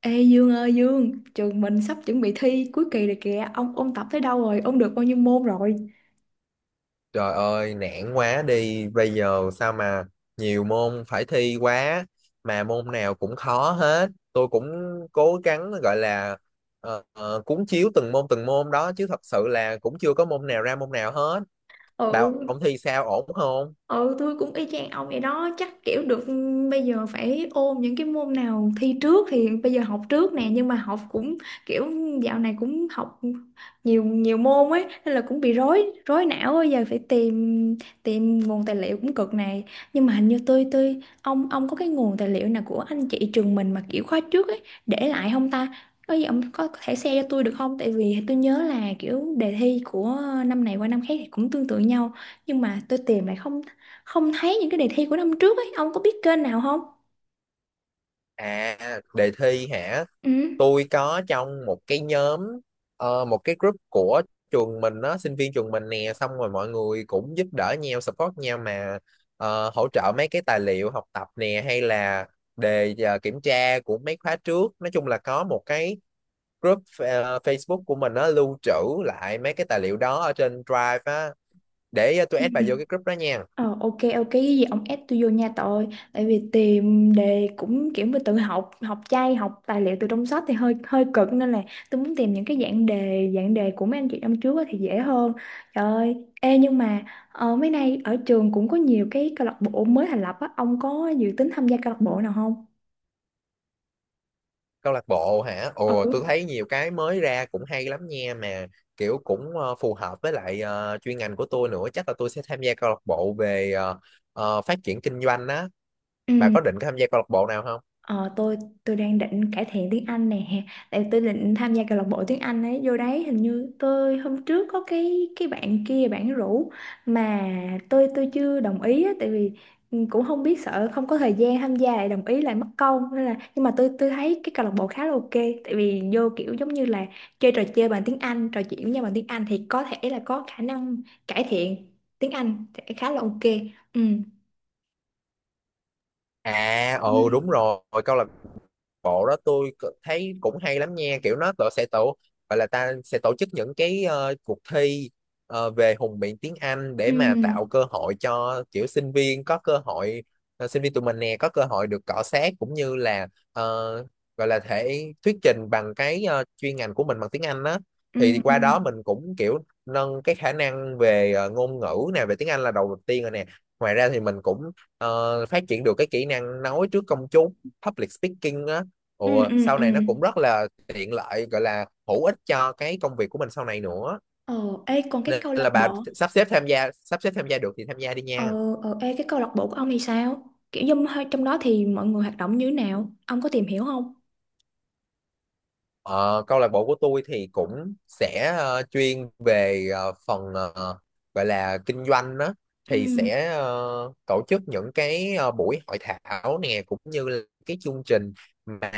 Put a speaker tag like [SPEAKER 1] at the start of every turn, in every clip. [SPEAKER 1] Ê Dương ơi Dương, trường mình sắp chuẩn bị thi cuối kỳ rồi kìa. Ông ôn tập tới đâu rồi? Ông được bao nhiêu môn rồi?
[SPEAKER 2] Trời ơi, nản quá đi. Bây giờ sao mà nhiều môn phải thi quá mà môn nào cũng khó hết. Tôi cũng cố gắng gọi là cuốn chiếu từng môn đó chứ thật sự là cũng chưa có môn nào ra môn nào hết. Bảo
[SPEAKER 1] Ừ.
[SPEAKER 2] ông thi sao ổn không?
[SPEAKER 1] Ừ, tôi cũng y chang ông vậy đó, chắc kiểu được, bây giờ phải ôn những cái môn nào thi trước thì bây giờ học trước nè, nhưng mà học cũng kiểu dạo này cũng học nhiều nhiều môn ấy nên là cũng bị rối rối não ấy. Giờ phải tìm tìm nguồn tài liệu cũng cực này, nhưng mà hình như tôi ông có cái nguồn tài liệu nào của anh chị trường mình mà kiểu khóa trước ấy để lại không ta? Có gì ông có thể share cho tôi được không, tại vì tôi nhớ là kiểu đề thi của năm này qua năm khác thì cũng tương tự nhau, nhưng mà tôi tìm lại không không thấy những cái đề thi của năm trước ấy. Ông có biết kênh nào không?
[SPEAKER 2] À, đề thi hả?
[SPEAKER 1] Ừ.
[SPEAKER 2] Tôi có trong một cái nhóm, một cái group của trường mình đó, sinh viên trường mình nè, xong rồi mọi người cũng giúp đỡ nhau, support nhau mà, hỗ trợ mấy cái tài liệu học tập nè, hay là đề kiểm tra của mấy khóa trước. Nói chung là có một cái group Facebook của mình, nó lưu trữ lại mấy cái tài liệu đó ở trên Drive á. Để tôi
[SPEAKER 1] Ừ.
[SPEAKER 2] add vào vô cái group đó nha.
[SPEAKER 1] Ờ, ok, ok, cái gì ông ép tôi vô nha, tội, tại vì tìm đề cũng kiểu, mà tự học, học chay, học tài liệu từ trong sách thì hơi hơi cực, nên là tôi muốn tìm những cái dạng đề của mấy anh chị năm trước á thì dễ hơn. Trời ơi, ê, nhưng mà ờ, mấy nay ở trường cũng có nhiều cái câu lạc bộ mới thành lập á, ông có dự tính tham gia câu lạc bộ nào không?
[SPEAKER 2] Câu lạc bộ hả? Ồ, tôi
[SPEAKER 1] Ừ,
[SPEAKER 2] thấy nhiều cái mới ra cũng hay lắm nha, mà kiểu cũng phù hợp với lại chuyên ngành của tôi nữa. Chắc là tôi sẽ tham gia câu lạc bộ về phát triển kinh doanh á.
[SPEAKER 1] ừ.
[SPEAKER 2] Bà có định tham gia câu lạc bộ nào không?
[SPEAKER 1] Ờ, tôi đang định cải thiện tiếng Anh nè, tại vì tôi định tham gia câu lạc bộ tiếng Anh ấy, vô đấy. Hình như tôi hôm trước có cái bạn kia, bạn rủ, mà tôi chưa đồng ý á, tại vì ừ, cũng không biết, sợ không có thời gian tham gia lại đồng ý lại mất công, nên là. Nhưng mà tôi thấy cái câu lạc bộ khá là ok, tại vì vô kiểu giống như là chơi trò chơi bằng tiếng Anh, trò chuyện với nhau bằng tiếng Anh thì có thể là có khả năng cải thiện tiếng Anh sẽ khá là ok. Ừ,
[SPEAKER 2] À,
[SPEAKER 1] ừ,
[SPEAKER 2] ồ, đúng rồi, câu lạc bộ đó tôi thấy cũng hay lắm nha. Kiểu nó tổ sẽ tổ gọi là ta sẽ tổ chức những cái cuộc thi về hùng biện tiếng Anh để mà tạo
[SPEAKER 1] ừ,
[SPEAKER 2] cơ hội cho kiểu sinh viên có cơ hội, sinh viên tụi mình nè, có cơ hội được cọ xát, cũng như là ờ, gọi là thể thuyết trình bằng cái chuyên ngành của mình bằng tiếng Anh đó.
[SPEAKER 1] ừ,
[SPEAKER 2] Thì
[SPEAKER 1] ừ,
[SPEAKER 2] qua đó mình cũng kiểu nâng cái khả năng về ngôn ngữ nè, về tiếng Anh là đầu tiên rồi nè. Ngoài ra thì mình cũng phát triển được cái kỹ năng nói trước công chúng, public speaking á.
[SPEAKER 1] ừ,
[SPEAKER 2] Ủa,
[SPEAKER 1] ừ,
[SPEAKER 2] sau
[SPEAKER 1] ừ.
[SPEAKER 2] này nó cũng rất là tiện lợi, gọi là hữu ích cho cái công việc của mình sau này nữa.
[SPEAKER 1] Ờ, ê, còn cái
[SPEAKER 2] Nên
[SPEAKER 1] câu lạc
[SPEAKER 2] là bà
[SPEAKER 1] bộ...
[SPEAKER 2] sắp xếp tham gia, sắp xếp tham gia được thì tham gia đi nha.
[SPEAKER 1] Ờ, ờ, ê, cái câu lạc bộ của ông thì sao? Kiểu như hơi- trong đó thì mọi người hoạt động như thế nào? Ông có tìm hiểu không?
[SPEAKER 2] Ờ, câu lạc bộ của tôi thì cũng sẽ chuyên về gọi là kinh doanh đó. Thì
[SPEAKER 1] Ừ,
[SPEAKER 2] sẽ tổ chức những cái buổi hội thảo nè, cũng như là cái chương trình mà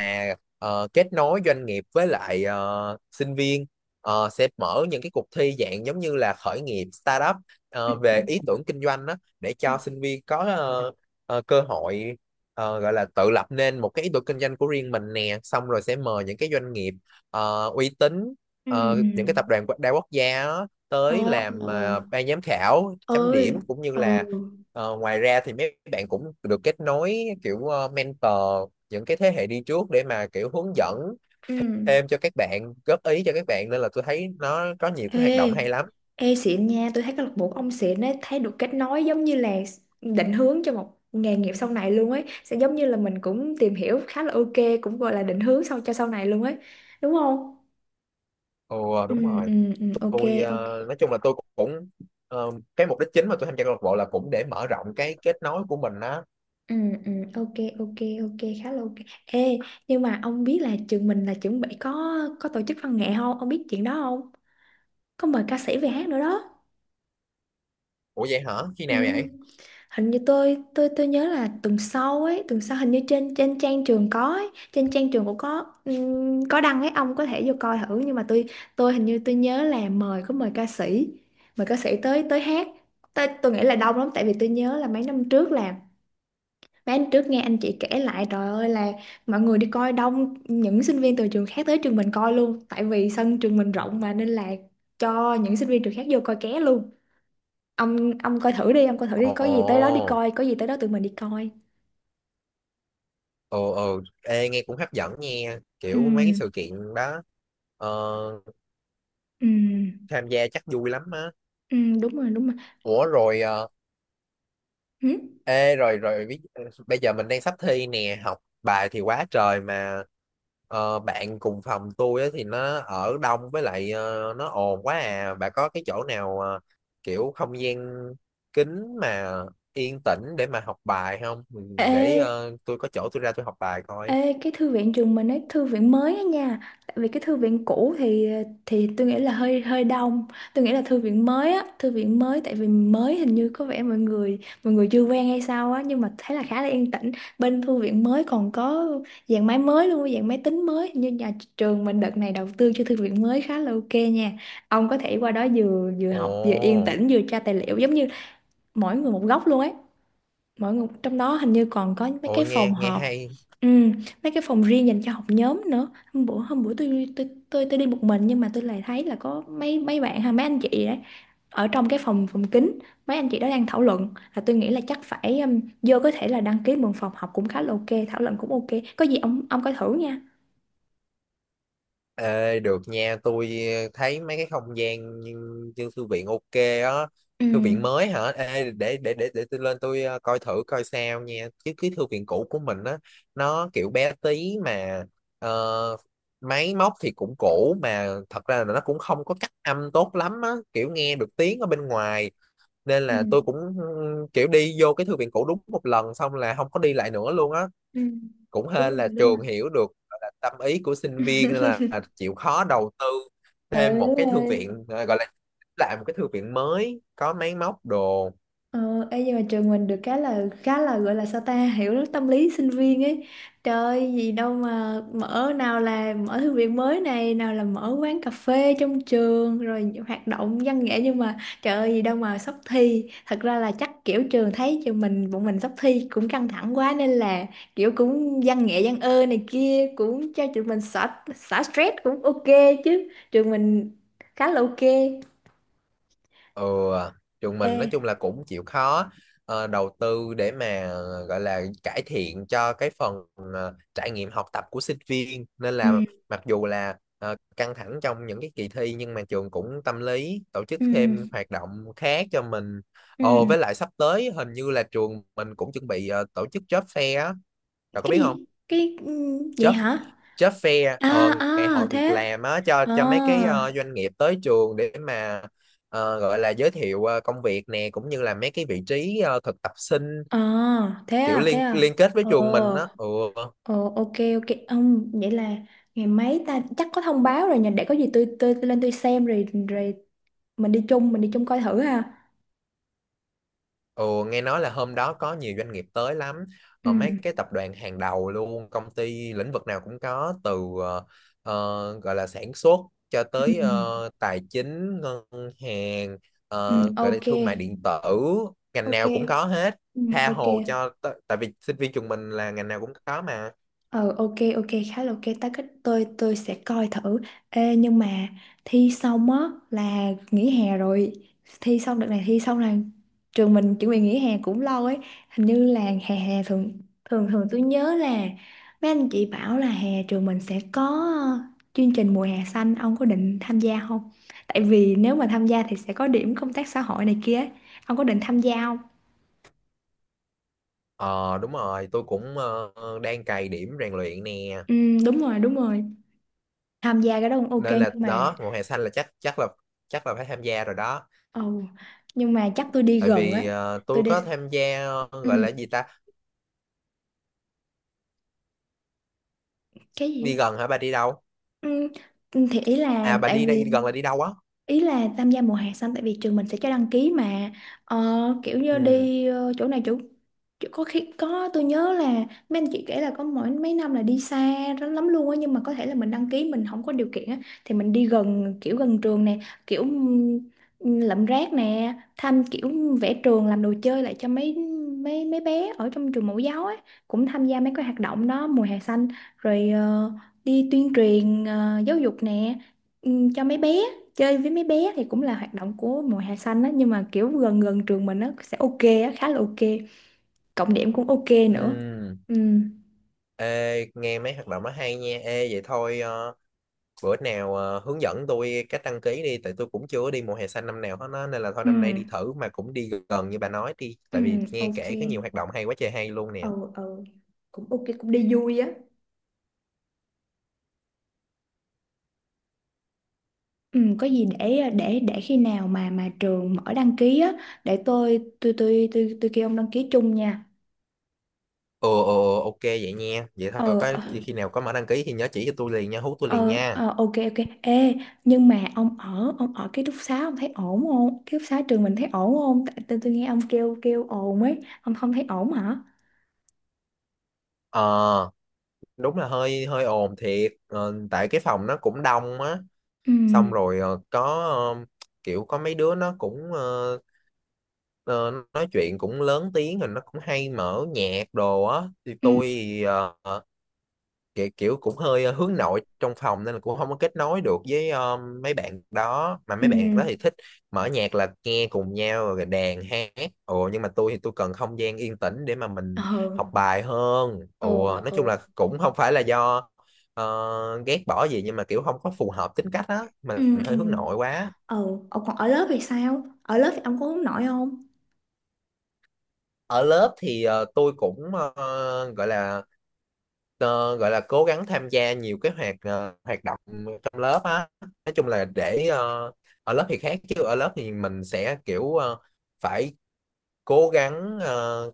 [SPEAKER 2] kết nối doanh nghiệp với lại sinh viên. Ờ, sẽ mở những cái cuộc thi dạng giống như là khởi nghiệp, startup, về
[SPEAKER 1] ừ,
[SPEAKER 2] ý tưởng kinh doanh đó, để
[SPEAKER 1] ừ,
[SPEAKER 2] cho sinh viên có cơ hội, gọi là tự lập nên một cái ý tưởng kinh doanh của riêng mình nè. Xong rồi sẽ mời những cái doanh nghiệp uy tín,
[SPEAKER 1] ừ.
[SPEAKER 2] những cái tập đoàn đa quốc gia á, tới
[SPEAKER 1] Ờ,
[SPEAKER 2] làm
[SPEAKER 1] ờ,
[SPEAKER 2] ban giám khảo chấm
[SPEAKER 1] ơi,
[SPEAKER 2] điểm, cũng như
[SPEAKER 1] ừ,
[SPEAKER 2] là ngoài ra thì mấy bạn cũng được kết nối kiểu mentor, những cái thế hệ đi trước để mà kiểu hướng dẫn
[SPEAKER 1] ừ.
[SPEAKER 2] thêm cho các bạn, góp ý cho các bạn. Nên là tôi thấy nó có nhiều cái hoạt động
[SPEAKER 1] Ê,
[SPEAKER 2] hay lắm.
[SPEAKER 1] ê xịn nha, tôi thấy câu lạc bộ của ông xịn ấy, thấy được kết nối giống như là định hướng cho một nghề nghiệp sau này luôn ấy. Sẽ giống như là mình cũng tìm hiểu khá là ok, cũng gọi là định hướng sau cho sau này luôn ấy. Đúng không?
[SPEAKER 2] Ồ
[SPEAKER 1] Ừ,
[SPEAKER 2] đúng rồi,
[SPEAKER 1] ừ, ừ, ok,
[SPEAKER 2] tôi
[SPEAKER 1] ok.
[SPEAKER 2] nói chung là tôi cũng cái mục đích chính mà tôi tham gia câu lạc bộ là cũng để mở rộng cái kết nối của mình á.
[SPEAKER 1] Ừ, ừ, ok, ok, ok, khá là ok. Ê, nhưng mà ông biết là trường mình là chuẩn bị có tổ chức văn nghệ không, ông biết chuyện đó không? Có mời ca sĩ về hát nữa đó.
[SPEAKER 2] Ủa vậy hả? Khi
[SPEAKER 1] Ừ.
[SPEAKER 2] nào vậy?
[SPEAKER 1] Hình như tôi nhớ là tuần sau ấy, tuần sau hình như trên trên trang trường có ấy, trên trang trường cũng có đăng ấy, ông có thể vô coi thử. Nhưng mà tôi hình như tôi nhớ là có mời ca sĩ, mời ca sĩ tới tới hát Tôi nghĩ là đông lắm, tại vì tôi nhớ là mấy năm trước là... Bán trước nghe anh chị kể lại, trời ơi là mọi người đi coi đông, những sinh viên từ trường khác tới trường mình coi luôn, tại vì sân trường mình rộng mà, nên là cho những sinh viên trường khác vô coi ké luôn. Ông coi thử đi, ông coi thử đi, có gì tới đó đi
[SPEAKER 2] Ồ.
[SPEAKER 1] coi, có gì tới đó tụi mình đi coi.
[SPEAKER 2] Ồ, ồ, ê, nghe cũng hấp dẫn nha,
[SPEAKER 1] Ừ,
[SPEAKER 2] kiểu mấy cái sự kiện đó ờ,
[SPEAKER 1] ừ,
[SPEAKER 2] tham gia chắc vui lắm á.
[SPEAKER 1] ừ, đúng rồi, đúng rồi,
[SPEAKER 2] Ủa rồi ờ,
[SPEAKER 1] ừ.
[SPEAKER 2] ê rồi rồi ví- ờ, bây giờ mình đang sắp thi nè, học bài thì quá trời, mà bạn cùng phòng tôi á thì nó ở đông với lại nó ồn quá à. Bà có cái chỗ nào kiểu không gian kín mà yên tĩnh để mà học bài không? Ừ, để
[SPEAKER 1] Ê.
[SPEAKER 2] tôi có chỗ tôi ra tôi học bài coi.
[SPEAKER 1] Ê, cái thư viện trường mình ấy, thư viện mới á nha, tại vì cái thư viện cũ thì tôi nghĩ là hơi hơi đông. Tôi nghĩ là thư viện mới á, thư viện mới, tại vì mới hình như có vẻ mọi người chưa quen hay sao á, nhưng mà thấy là khá là yên tĩnh. Bên thư viện mới còn có dàn máy mới luôn, dàn máy tính mới. Hình như nhà trường mình đợt này đầu tư cho thư viện mới khá là ok nha, ông có thể qua đó, vừa vừa học vừa yên
[SPEAKER 2] Ồ.
[SPEAKER 1] tĩnh vừa tra tài liệu, giống như mỗi người một góc luôn ấy, mỗi người trong đó hình như còn có mấy
[SPEAKER 2] Ồ,
[SPEAKER 1] cái phòng
[SPEAKER 2] nghe nghe
[SPEAKER 1] họp,
[SPEAKER 2] hay.
[SPEAKER 1] ừ, mấy cái phòng riêng dành cho học nhóm nữa. Hôm bữa tôi tôi đi một mình, nhưng mà tôi lại thấy là có mấy mấy bạn hay mấy anh chị đấy ở trong cái phòng phòng kín, mấy anh chị đó đang thảo luận, là tôi nghĩ là chắc phải vô có thể là đăng ký mượn phòng học cũng khá là ok, thảo luận cũng ok. Có gì ông coi thử nha.
[SPEAKER 2] Ê, được nha, tôi thấy mấy cái không gian như, như thư viện ok á,
[SPEAKER 1] Ừ.
[SPEAKER 2] thư viện mới hả? Ê, để tôi lên tôi coi thử coi sao nha. Chứ cái thư viện cũ của mình á, nó kiểu bé tí, mà ờ, máy móc thì cũng cũ, mà thật ra là nó cũng không có cách âm tốt lắm á, kiểu nghe được tiếng ở bên ngoài. Nên
[SPEAKER 1] Ừ.
[SPEAKER 2] là tôi cũng, ừ, kiểu đi vô cái thư viện cũ đúng một lần xong là không có đi lại nữa luôn á.
[SPEAKER 1] Ừ.
[SPEAKER 2] Cũng
[SPEAKER 1] Đúng
[SPEAKER 2] hên là
[SPEAKER 1] rồi, đúng rồi.
[SPEAKER 2] trường hiểu được, gọi là tâm ý của sinh viên, nên là chịu khó đầu tư
[SPEAKER 1] Ừ,
[SPEAKER 2] thêm một
[SPEAKER 1] đúng
[SPEAKER 2] cái thư
[SPEAKER 1] rồi.
[SPEAKER 2] viện, à, gọi là làm một cái thư viện mới có máy móc đồ.
[SPEAKER 1] Ờ, ê, nhưng mà trường mình được cái là khá là gọi là sao ta, hiểu tâm lý sinh viên ấy, trời, gì đâu mà mở, nào là mở thư viện mới này, nào là mở quán cà phê trong trường, rồi hoạt động văn nghệ, nhưng mà trời ơi, gì đâu mà sắp thi, thật ra là chắc kiểu trường thấy trường mình, bọn mình sắp thi cũng căng thẳng quá nên là kiểu cũng văn nghệ văn ơ này kia cũng cho trường mình xả xả stress cũng ok, chứ trường mình khá là ok.
[SPEAKER 2] Ừ, trường
[SPEAKER 1] Ê.
[SPEAKER 2] mình nói chung là cũng chịu khó đầu tư để mà gọi là cải thiện cho cái phần trải nghiệm học tập của sinh viên. Nên
[SPEAKER 1] Ừ.
[SPEAKER 2] là mặc dù là căng thẳng trong những cái kỳ thi, nhưng mà trường cũng tâm lý tổ chức thêm
[SPEAKER 1] Ừ.
[SPEAKER 2] hoạt động khác cho mình.
[SPEAKER 1] Ừ.
[SPEAKER 2] Ồ, với lại sắp tới hình như là trường mình cũng chuẩn bị tổ chức job fair á, cậu có
[SPEAKER 1] Cái
[SPEAKER 2] biết không?
[SPEAKER 1] gì? Cái ừ, vậy
[SPEAKER 2] Job
[SPEAKER 1] hả?
[SPEAKER 2] job fair,
[SPEAKER 1] À, à,
[SPEAKER 2] ngày hội
[SPEAKER 1] thế
[SPEAKER 2] việc
[SPEAKER 1] á?
[SPEAKER 2] làm á, cho mấy cái
[SPEAKER 1] Ờ.
[SPEAKER 2] doanh nghiệp tới trường để mà gọi là giới thiệu công việc nè, cũng như là mấy cái vị trí thực tập sinh
[SPEAKER 1] Ờ, thế
[SPEAKER 2] kiểu
[SPEAKER 1] à, thế
[SPEAKER 2] liên
[SPEAKER 1] à.
[SPEAKER 2] liên kết với
[SPEAKER 1] Ờ,
[SPEAKER 2] trường mình á. Ừ.
[SPEAKER 1] ờ, ok, ok, ông, vậy là ngày mấy ta, chắc có thông báo rồi nhỉ, để có gì tôi lên tôi xem rồi rồi mình đi chung, mình đi chung coi thử ha.
[SPEAKER 2] Ồ, nghe nói là hôm đó có nhiều doanh nghiệp tới lắm,
[SPEAKER 1] Ừ,
[SPEAKER 2] mấy cái tập đoàn hàng đầu luôn, công ty lĩnh vực nào cũng có, từ ờ, gọi là sản xuất cho
[SPEAKER 1] ừ, ừ,
[SPEAKER 2] tới tài chính ngân hàng,
[SPEAKER 1] ừ,
[SPEAKER 2] gọi là
[SPEAKER 1] ok,
[SPEAKER 2] thương mại điện tử, ngành
[SPEAKER 1] ok,
[SPEAKER 2] nào cũng có hết,
[SPEAKER 1] ừ,
[SPEAKER 2] tha
[SPEAKER 1] ok.
[SPEAKER 2] hồ cho tại vì sinh viên trường mình là ngành nào cũng có mà.
[SPEAKER 1] Ờ, ok, ok, khá là ok ta, cách tôi sẽ coi thử. Ê, nhưng mà thi xong á là nghỉ hè rồi, thi xong đợt này, thi xong là trường mình chuẩn bị nghỉ hè cũng lâu ấy, hình như là hè hè thường thường thường tôi nhớ là mấy anh chị bảo là hè trường mình sẽ có ờ, chương trình mùa hè xanh, ông có định tham gia không? Tại vì nếu mà tham gia thì sẽ có điểm công tác xã hội này kia ấy. Ông có định tham gia không?
[SPEAKER 2] Ờ đúng rồi, tôi cũng đang cày điểm rèn luyện nè,
[SPEAKER 1] Ừ, đúng rồi, đúng rồi, tham gia cái đó cũng ok
[SPEAKER 2] nên là
[SPEAKER 1] nhưng mà...
[SPEAKER 2] đó, mùa hè xanh là chắc chắc là phải tham gia rồi đó.
[SPEAKER 1] Ồ, nhưng mà chắc tôi đi
[SPEAKER 2] Tại
[SPEAKER 1] gần ấy.
[SPEAKER 2] vì
[SPEAKER 1] Tôi
[SPEAKER 2] tôi
[SPEAKER 1] đi.
[SPEAKER 2] có tham gia
[SPEAKER 1] Ừ,
[SPEAKER 2] gọi là gì ta.
[SPEAKER 1] cái gì?
[SPEAKER 2] Đi
[SPEAKER 1] Á?
[SPEAKER 2] gần hả? Bà đi đâu?
[SPEAKER 1] Ừ, ừ, thì ý là
[SPEAKER 2] À bà
[SPEAKER 1] tại
[SPEAKER 2] đi đây,
[SPEAKER 1] vì...
[SPEAKER 2] đi gần là đi đâu á?
[SPEAKER 1] Ý là tham gia mùa hè xanh, tại vì trường mình sẽ cho đăng ký mà. Ờ, kiểu như
[SPEAKER 2] Ừ
[SPEAKER 1] đi ờ, chỗ này chỗ chỗ- có khi có, tôi nhớ là mấy anh chị kể là có mỗi mấy năm là đi xa lắm lắm luôn á, nhưng mà có thể là mình đăng ký mình không có điều kiện á thì mình đi gần, kiểu gần trường nè, kiểu lượm rác nè, thăm kiểu vẽ trường, làm đồ chơi lại cho mấy mấy mấy bé ở trong trường mẫu giáo ấy, cũng tham gia mấy cái hoạt động đó mùa hè xanh, rồi ờ, đi tuyên truyền ờ, giáo dục nè, cho mấy bé, chơi với mấy bé thì cũng là hoạt động của mùa hè xanh á, nhưng mà kiểu gần gần trường mình nó sẽ ok á, khá là ok, cộng điểm cũng ok nữa.
[SPEAKER 2] ừ,
[SPEAKER 1] Ừ,
[SPEAKER 2] ê nghe mấy hoạt động nó hay nha. Ê vậy thôi bữa nào hướng dẫn tôi cách đăng ký đi, tại tôi cũng chưa có đi mùa hè xanh năm nào hết á, nên là thôi năm nay đi
[SPEAKER 1] ừ,
[SPEAKER 2] thử, mà cũng đi gần như bà nói đi,
[SPEAKER 1] ừ,
[SPEAKER 2] tại vì nghe
[SPEAKER 1] ok,
[SPEAKER 2] kể có nhiều hoạt động hay quá trời hay luôn nè.
[SPEAKER 1] ừ, ừ, cũng ok, cũng đi vui á. Ừ, có gì để khi nào mà trường mở đăng ký á, để tôi kêu ông đăng ký chung nha.
[SPEAKER 2] Ừ ừ ừ, ok vậy nha, vậy thôi,
[SPEAKER 1] Ờ,
[SPEAKER 2] có
[SPEAKER 1] ờ.
[SPEAKER 2] khi nào có mở đăng ký thì nhớ chỉ cho tôi liền nha, hú tôi liền
[SPEAKER 1] Ờ,
[SPEAKER 2] nha.
[SPEAKER 1] ờ, ok, ok. Ê, nhưng mà ông ở ký túc xá, ông thấy ổn không? Ký túc xá trường mình thấy ổn không? Tại tôi nghe ông kêu kêu ồn ấy, ông không thấy ổn hả?
[SPEAKER 2] Ờ đúng là hơi hơi ồn thiệt. Ờ, tại cái phòng nó cũng đông á,
[SPEAKER 1] Ừ,
[SPEAKER 2] xong rồi ờ, kiểu có mấy đứa nó cũng ờ, nói chuyện cũng lớn tiếng, rồi nó cũng hay mở nhạc đồ á. Thì
[SPEAKER 1] ừ,
[SPEAKER 2] tôi thì, kiểu, kiểu cũng hơi hướng nội trong phòng nên là cũng không có kết nối được với mấy bạn đó. Mà
[SPEAKER 1] ừ,
[SPEAKER 2] mấy bạn đó thì thích mở nhạc là nghe cùng nhau rồi đàn hát. Ồ, nhưng mà tôi thì tôi cần không gian yên tĩnh để mà mình
[SPEAKER 1] ờ,
[SPEAKER 2] học bài hơn.
[SPEAKER 1] ờ,
[SPEAKER 2] Ồ, nói chung
[SPEAKER 1] ờ,
[SPEAKER 2] là cũng không phải là do ờ, ghét bỏ gì, nhưng mà kiểu không có phù hợp tính cách á, mình
[SPEAKER 1] ừ, ừ,
[SPEAKER 2] hơi hướng nội quá.
[SPEAKER 1] ờ. Ờ, còn ở lớp thì sao? Ở lớp thì ông có hướng nội không?
[SPEAKER 2] Ở lớp thì tôi cũng ờ, gọi là ờ, gọi là cố gắng tham gia nhiều cái hoạt động trong lớp á. Nói chung là để ở lớp thì khác, chứ ở lớp thì mình sẽ kiểu phải cố gắng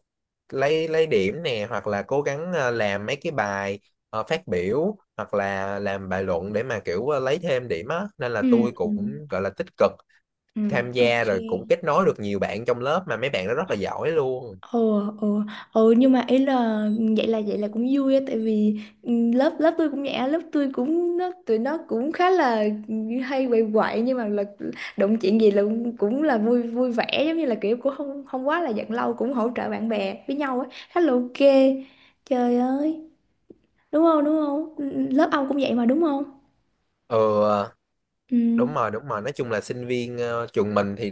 [SPEAKER 2] lấy điểm nè, hoặc là cố gắng làm mấy cái bài phát biểu, hoặc là làm bài luận để mà kiểu lấy thêm điểm á, nên là
[SPEAKER 1] Ừ,
[SPEAKER 2] tôi
[SPEAKER 1] ừ,
[SPEAKER 2] cũng gọi là tích cực
[SPEAKER 1] ừ,
[SPEAKER 2] tham gia,
[SPEAKER 1] ok.
[SPEAKER 2] rồi cũng kết nối được nhiều bạn trong lớp, mà mấy bạn đó rất là giỏi luôn.
[SPEAKER 1] Ồ, ồ, ồ, nhưng mà ý là vậy là cũng vui á, tại vì ừ, lớp lớp tôi cũng vậy á, lớp tôi cũng, nó tụi nó cũng khá là hay quậy quậy, nhưng mà là đụng chuyện gì là cũng cũng là vui vui vẻ, giống như là kiểu cũng không không quá là giận lâu, cũng hỗ trợ bạn bè với nhau á, khá là ok. Trời ơi, đúng không, đúng không? Ừ, ừ, lớp ông cũng vậy mà, đúng không?
[SPEAKER 2] Ừ, ờ, đúng
[SPEAKER 1] Ừ.
[SPEAKER 2] rồi đúng rồi, nói chung là sinh viên trường mình thì